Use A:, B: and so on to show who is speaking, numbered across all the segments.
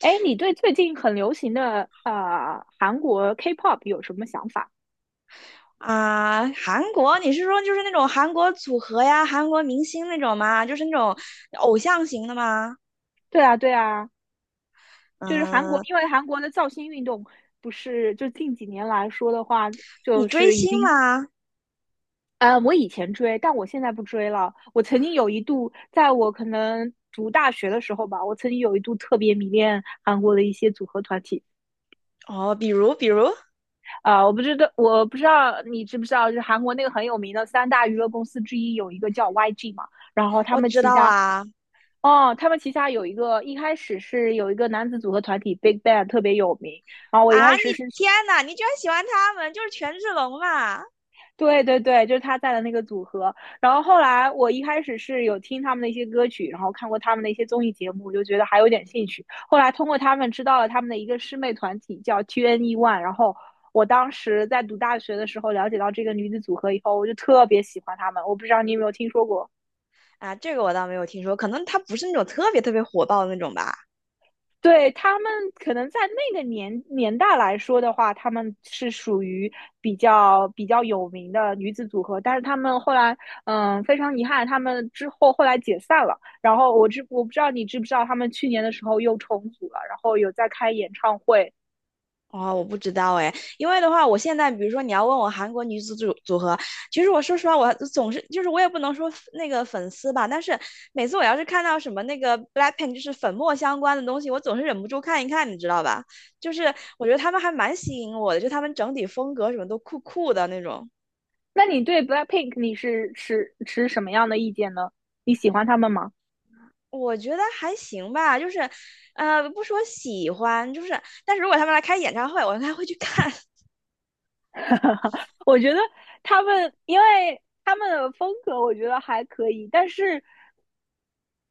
A: 哎，你对最近很流行的韩国 K-pop 有什么想法？
B: 啊，韩国，你是说就是那种韩国组合呀，韩国明星那种吗？就是那种偶像型的吗？
A: 对啊，对啊，就是韩国，
B: 嗯，
A: 因为韩国的造星运动不是就近几年来说的话，就
B: 你追
A: 是已
B: 星
A: 经。
B: 吗？
A: 我以前追，但我现在不追了。我曾经有一度，在我可能读大学的时候吧，我曾经有一度特别迷恋韩国的一些组合团体。
B: 哦，比如比如，
A: 啊、我不知道你知不知道，就是韩国那个很有名的三大娱乐公司之一有一个叫 YG 嘛。然后他
B: 我
A: 们
B: 知
A: 旗
B: 道
A: 下
B: 啊。
A: 哦，他们旗下有一个，一开始是有一个男子组合团体 Big Bang 特别有名，然后我一开
B: 啊！
A: 始
B: 你
A: 是，
B: 天呐，你居然喜欢他们，就是权志龙嘛？
A: 对对对，就是他在的那个组合，然后后来我一开始是有听他们的一些歌曲，然后看过他们的一些综艺节目，就觉得还有点兴趣，后来通过他们知道了他们的一个师妹团体叫 TNE One，然后我当时在读大学的时候了解到这个女子组合以后，我就特别喜欢她们，我不知道你有没有听说过。
B: 啊，这个我倒没有听说，可能他不是那种特别特别火爆的那种吧。
A: 对，他们可能在那个年代来说的话，他们是属于比较有名的女子组合，但是他们后来，嗯，非常遗憾，他们之后后来解散了。然后我不知道你知不知道，他们去年的时候又重组了，然后有在开演唱会。
B: 哦，我不知道哎，因为的话，我现在比如说你要问我韩国女子组合，其实我说实话，我总是就是我也不能说那个粉丝吧，但是每次我要是看到什么那个 BLACKPINK 就是粉末相关的东西，我总是忍不住看一看，你知道吧？就是我觉得他们还蛮吸引我的，就他们整体风格什么都酷酷的那种。
A: 那你对 BLACKPINK 你是持什么样的意见呢？你喜欢他们吗？
B: 我觉得还行吧，就是不说喜欢，就是但是如果他们来开演唱会，我应该会去看。
A: 我觉得他们，因为他们的风格我觉得还可以，但是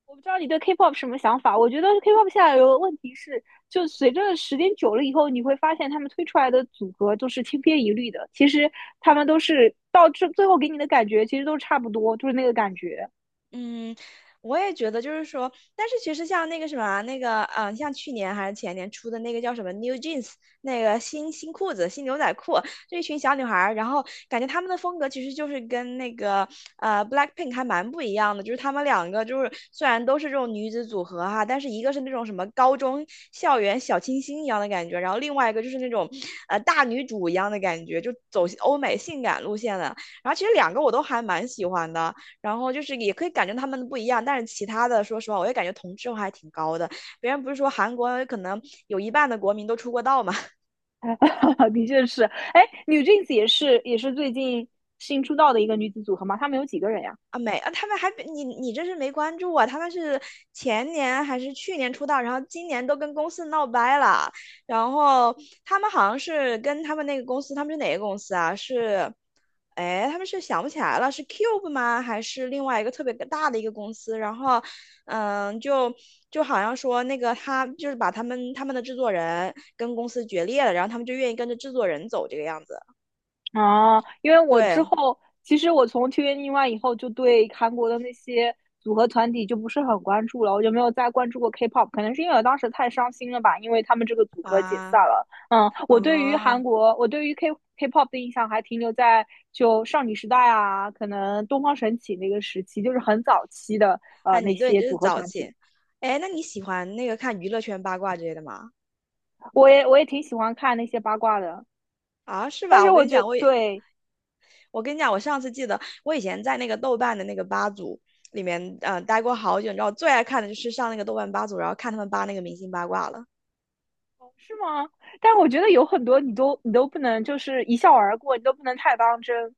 A: 我不知道你对 K-pop 什么想法？我觉得 K-pop 现在有个问题是，就随着时间久了以后，你会发现他们推出来的组合都是千篇一律的。其实他们都是到最后给你的感觉，其实都差不多，就是那个感觉。
B: 嗯，我也觉得就是说，但是其实像那个什么啊，那个像去年还是前年出的那个叫什么 New Jeans,那个新裤子、新牛仔裤，这一群小女孩儿，然后感觉她们的风格其实就是跟那个Blackpink 还蛮不一样的，就是她们两个就是虽然都是这种女子组合哈，但是一个是那种什么高中校园小清新一样的感觉，然后另外一个就是那种大女主一样的感觉，就走欧美性感路线的。然后其实两个我都还蛮喜欢的。然后就是也可以感觉他们不一样，但是其他的，说实话，我也感觉同质化还挺高的。别人不是说韩国可能有一半的国民都出过道嘛？
A: 的确是，哎，NewJeans 也是最近新出道的一个女子组合嘛，他们有几个人呀？
B: 啊，没啊，他们还比你这是没关注啊，他们是前年还是去年出道，然后今年都跟公司闹掰了，然后他们好像是跟他们那个公司，他们是哪个公司啊？是，哎，他们是想不起来了，是 Cube 吗？还是另外一个特别大的一个公司？然后，嗯，就好像说那个他就是把他们的制作人跟公司决裂了，然后他们就愿意跟着制作人走这个样子。
A: 啊，因为我之
B: 对
A: 后，其实我从 TVNE 以后，就对韩国的那些组合团体就不是很关注了，我就没有再关注过 K-pop，可能是因为我当时太伤心了吧，因为他们这个组合解散
B: 啊，
A: 了。嗯，我对于韩
B: 啊。
A: 国，我对于 K-pop 的印象还停留在就少女时代啊，可能东方神起那个时期，就是很早期的
B: 啊，
A: 那
B: 你对你
A: 些
B: 这
A: 组
B: 是
A: 合
B: 早
A: 团体，
B: 起，哎，那你喜欢那个看娱乐圈八卦之类的吗？
A: 我也挺喜欢看那些八卦的，
B: 啊，是
A: 但
B: 吧？
A: 是
B: 我
A: 我
B: 跟你
A: 觉
B: 讲，我也，
A: 对。
B: 我跟你讲，我上次记得我以前在那个豆瓣的那个吧组里面，待过好久。你知道我最爱看的就是上那个豆瓣吧组，然后看他们扒那个明星八卦了。
A: 是吗？但我觉得有很多你都不能就是一笑而过，你都不能太当真。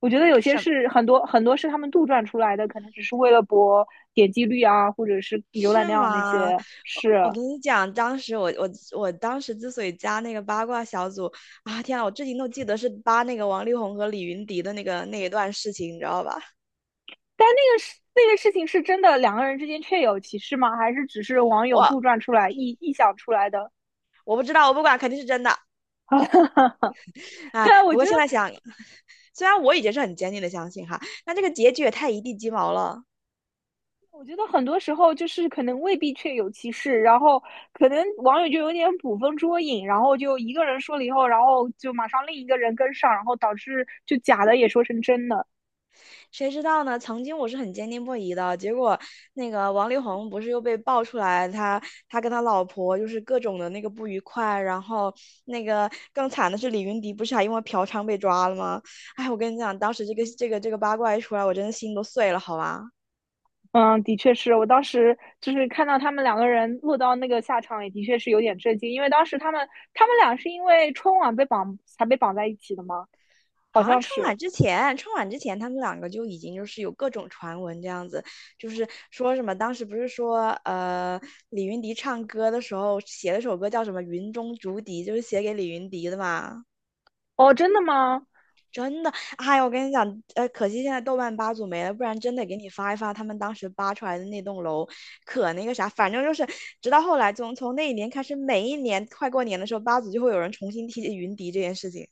A: 我觉得有些
B: 是
A: 是很多很多是他们杜撰出来的，可能只是为了博点击率啊，或者是浏览
B: 是
A: 量那
B: 吗？
A: 些
B: 我
A: 是。
B: 我跟你讲，当时我当时之所以加那个八卦小组啊，天啊，我至今都记得是扒那个王力宏和李云迪的那个那一段事情，你知道吧？
A: 但那个事那个事情是真的，两个人之间确有其事吗？还是只是网友
B: 我
A: 杜撰出来、臆想出来的？
B: 我不知道，我不管，肯定是真的。
A: 对
B: 哎，
A: 啊，
B: 不过现在想虽然我已经是很坚定的相信哈，但这个结局也太一地鸡毛了。
A: 我觉得很多时候就是可能未必确有其事，然后可能网友就有点捕风捉影，然后就一个人说了以后，然后就马上另一个人跟上，然后导致就假的也说成真的。
B: 谁知道呢？曾经我是很坚定不移的，结果那个王力宏不是又被爆出来，他跟他老婆就是各种的那个不愉快，然后那个更惨的是李云迪不是还因为嫖娼被抓了吗？哎，我跟你讲，当时这个八卦一出来，我真的心都碎了，好吧。
A: 嗯，的确是我当时就是看到他们两个人落到那个下场，也的确是有点震惊，因为当时他们俩是因为春晚被绑才被绑在一起的吗？好
B: 好像
A: 像
B: 春
A: 是。
B: 晚之前，春晚之前他们两个就已经就是有各种传闻这样子，就是说什么当时不是说李云迪唱歌的时候写了首歌叫什么《云中竹笛》，就是写给李云迪的嘛。
A: 哦，真的吗？
B: 真的，哎呀，我跟你讲，可惜现在豆瓣八组没了，不然真得给你发一发他们当时扒出来的那栋楼，可那个啥，反正就是直到后来从那一年开始，每一年快过年的时候，八组就会有人重新提起云迪这件事情。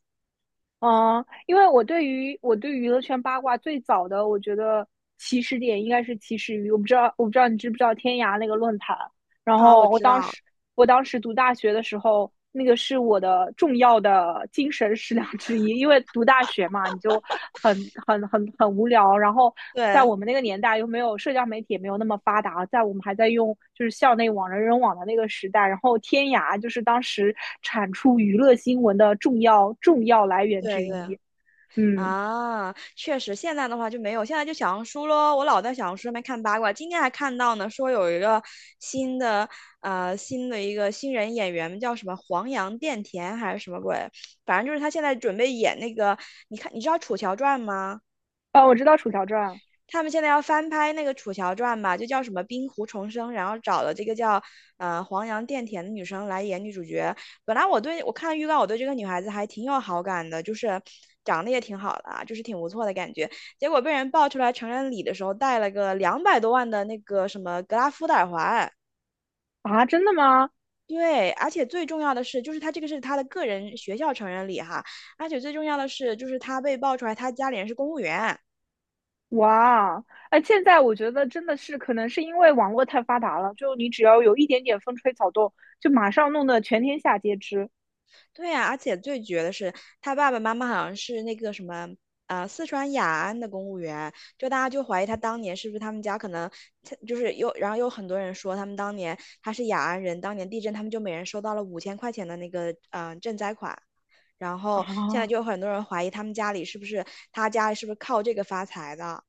A: 嗯，因为我对于我对娱乐圈八卦最早的，我觉得起始点应该是起始于我不知道你知不知道天涯那个论坛，然
B: 啊，我
A: 后
B: 知道，
A: 我当时读大学的时候，那个是我的重要的精神食粮之一，因为读大学嘛，你就很无聊。然后在
B: 对
A: 我们那个年代，又没有社交媒体，也没有那么发达，在我们还在用就是校内网、人人网的那个时代，然后天涯就是当时产出娱乐新闻的重要来源之
B: 对对。
A: 一。嗯，
B: 啊，确实，现在的话就没有，现在就小红书咯，我老在小红书上面看八卦，今天还看到呢，说有一个新的新的一个新人演员叫什么黄杨钿甜还是什么鬼，反正就是他现在准备演那个，你看你知道《楚乔传》吗？
A: 啊，我知道《楚乔传》
B: 他们现在要翻拍那个《楚乔传》吧，就叫什么《冰湖重生》，然后找了这个叫黄杨钿甜的女生来演女主角。本来我对我看预告，我对这个女孩子还挺有好感的，就是长得也挺好的啊，就是挺不错的感觉。结果被人爆出来成人礼的时候戴了个200多万的那个什么格拉夫的耳环。
A: 啊，真的吗？
B: 对，而且最重要的是，就是她这个是她的个人学校成人礼哈，而且最重要的是，就是她被爆出来她家里人是公务员。
A: 哇，哎，现在我觉得真的是，可能是因为网络太发达了，就你只要有一点点风吹草动，就马上弄得全天下皆知
B: 对呀、而且最绝的是，他爸爸妈妈好像是那个什么，四川雅安的公务员，就大家就怀疑他当年是不是他们家可能，他就是有，然后有很多人说他们当年他是雅安人，当年地震他们就每人收到了5000块钱的那个，赈灾款，然后现在
A: 啊。
B: 就有很多人怀疑他家里是不是靠这个发财的。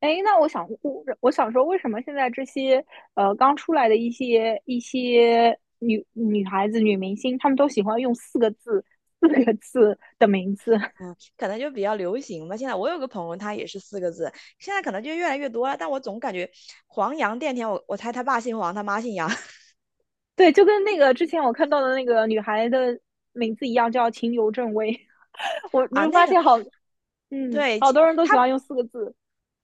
A: 哎，那我想，我想说，为什么现在这些刚出来的一些女孩子、女明星，她们都喜欢用四个字、的名字？
B: 嗯，可能就比较流行吧。现在我有个朋友，他也是4个字，现在可能就越来越多了，但我总感觉黄洋电天，我猜他爸姓黄，他妈姓杨。
A: 对，就跟那个之前我看到的那个女孩的名字一样，叫秦由正威。我你
B: 啊，
A: 会
B: 那
A: 发
B: 个
A: 现好，嗯，
B: 对，
A: 好
B: 其
A: 多人都
B: 他
A: 喜欢用四个字。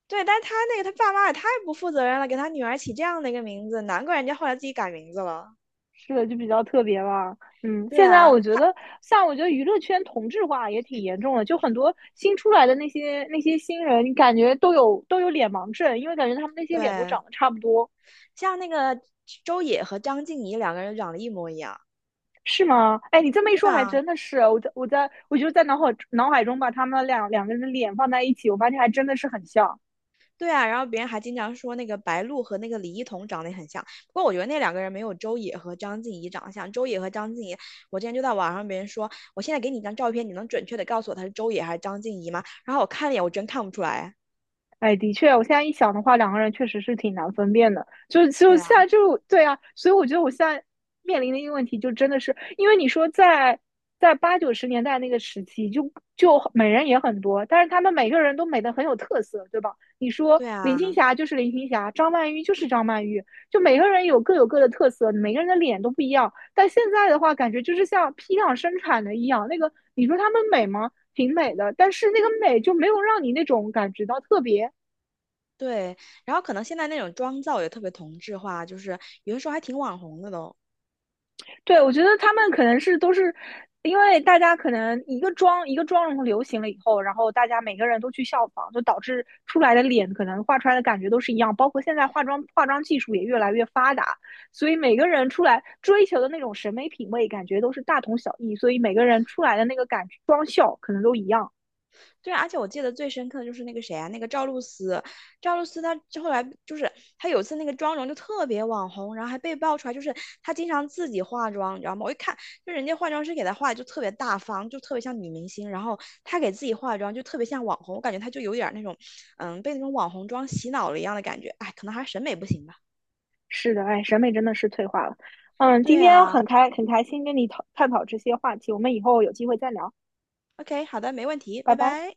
B: 对，但是他那个他爸妈也太不负责任了，给他女儿起这样的一个名字，难怪人家后来自己改名字了。
A: 是的，就比较特别吧。嗯，
B: 对
A: 现在
B: 啊，
A: 我觉
B: 他
A: 得，像我觉得娱乐圈同质化也挺严重的，就很多新出来的那些新人，你感觉都有脸盲症，因为感觉他们那些脸都
B: 对，
A: 长得差不多，
B: 像那个周也和张婧仪两个人长得一模一样。
A: 是吗？哎，你这么一
B: 对
A: 说，还
B: 啊，
A: 真的是。我就在脑海中把他们两个人的脸放在一起，我发现还真的是很像。
B: 对啊，然后别人还经常说那个白鹿和那个李一桐长得也很像，不过我觉得那两个人没有周也和张婧仪长得像。周也和张婧仪，我之前就在网上别人说，我现在给你一张照片，你能准确的告诉我她是周也还是张婧仪吗？然后我看了一眼，我真看不出来。
A: 哎，的确，我现在一想的话，两个人确实是挺难分辨的。就
B: 对
A: 现在
B: 啊，
A: 就对啊，所以我觉得我现在面临的一个问题，就真的是因为你说在八九十年代那个时期就，就美人也很多，但是他们每个人都美得很有特色，对吧？你说
B: 对
A: 林青
B: 啊。
A: 霞就是林青霞，张曼玉就是张曼玉，就每个人有各有各的特色，每个人的脸都不一样。但现在的话，感觉就是像批量生产的一样，那个你说他们美吗？挺美的，但是那个美就没有让你那种感觉到特别。
B: 对，然后可能现在那种妆造也特别同质化，就是有的时候还挺网红的都。
A: 对，我觉得他们可能是都是因为大家可能一个妆一个妆容流行了以后，然后大家每个人都去效仿，就导致出来的脸可能画出来的感觉都是一样。包括现在化妆技术也越来越发达，所以每个人出来追求的那种审美品味，感觉都是大同小异。所以每个人出来的那个感觉妆效可能都一样。
B: 对，而且我记得最深刻的就是那个谁啊，那个赵露思，赵露思她就后来就是她有一次那个妆容就特别网红，然后还被爆出来，就是她经常自己化妆，你知道吗？我一看就人家化妆师给她化的就特别大方，就特别像女明星，然后她给自己化妆就特别像网红，我感觉她就有点儿那种，嗯，被那种网红妆洗脑了一样的感觉。哎，可能还是审美不行吧。
A: 是的，哎，审美真的是退化了。嗯，今
B: 对
A: 天
B: 啊
A: 很开心跟你探讨这些话题，我们以后有机会再聊，
B: ，OK,好的，没问题，
A: 拜
B: 拜
A: 拜。
B: 拜。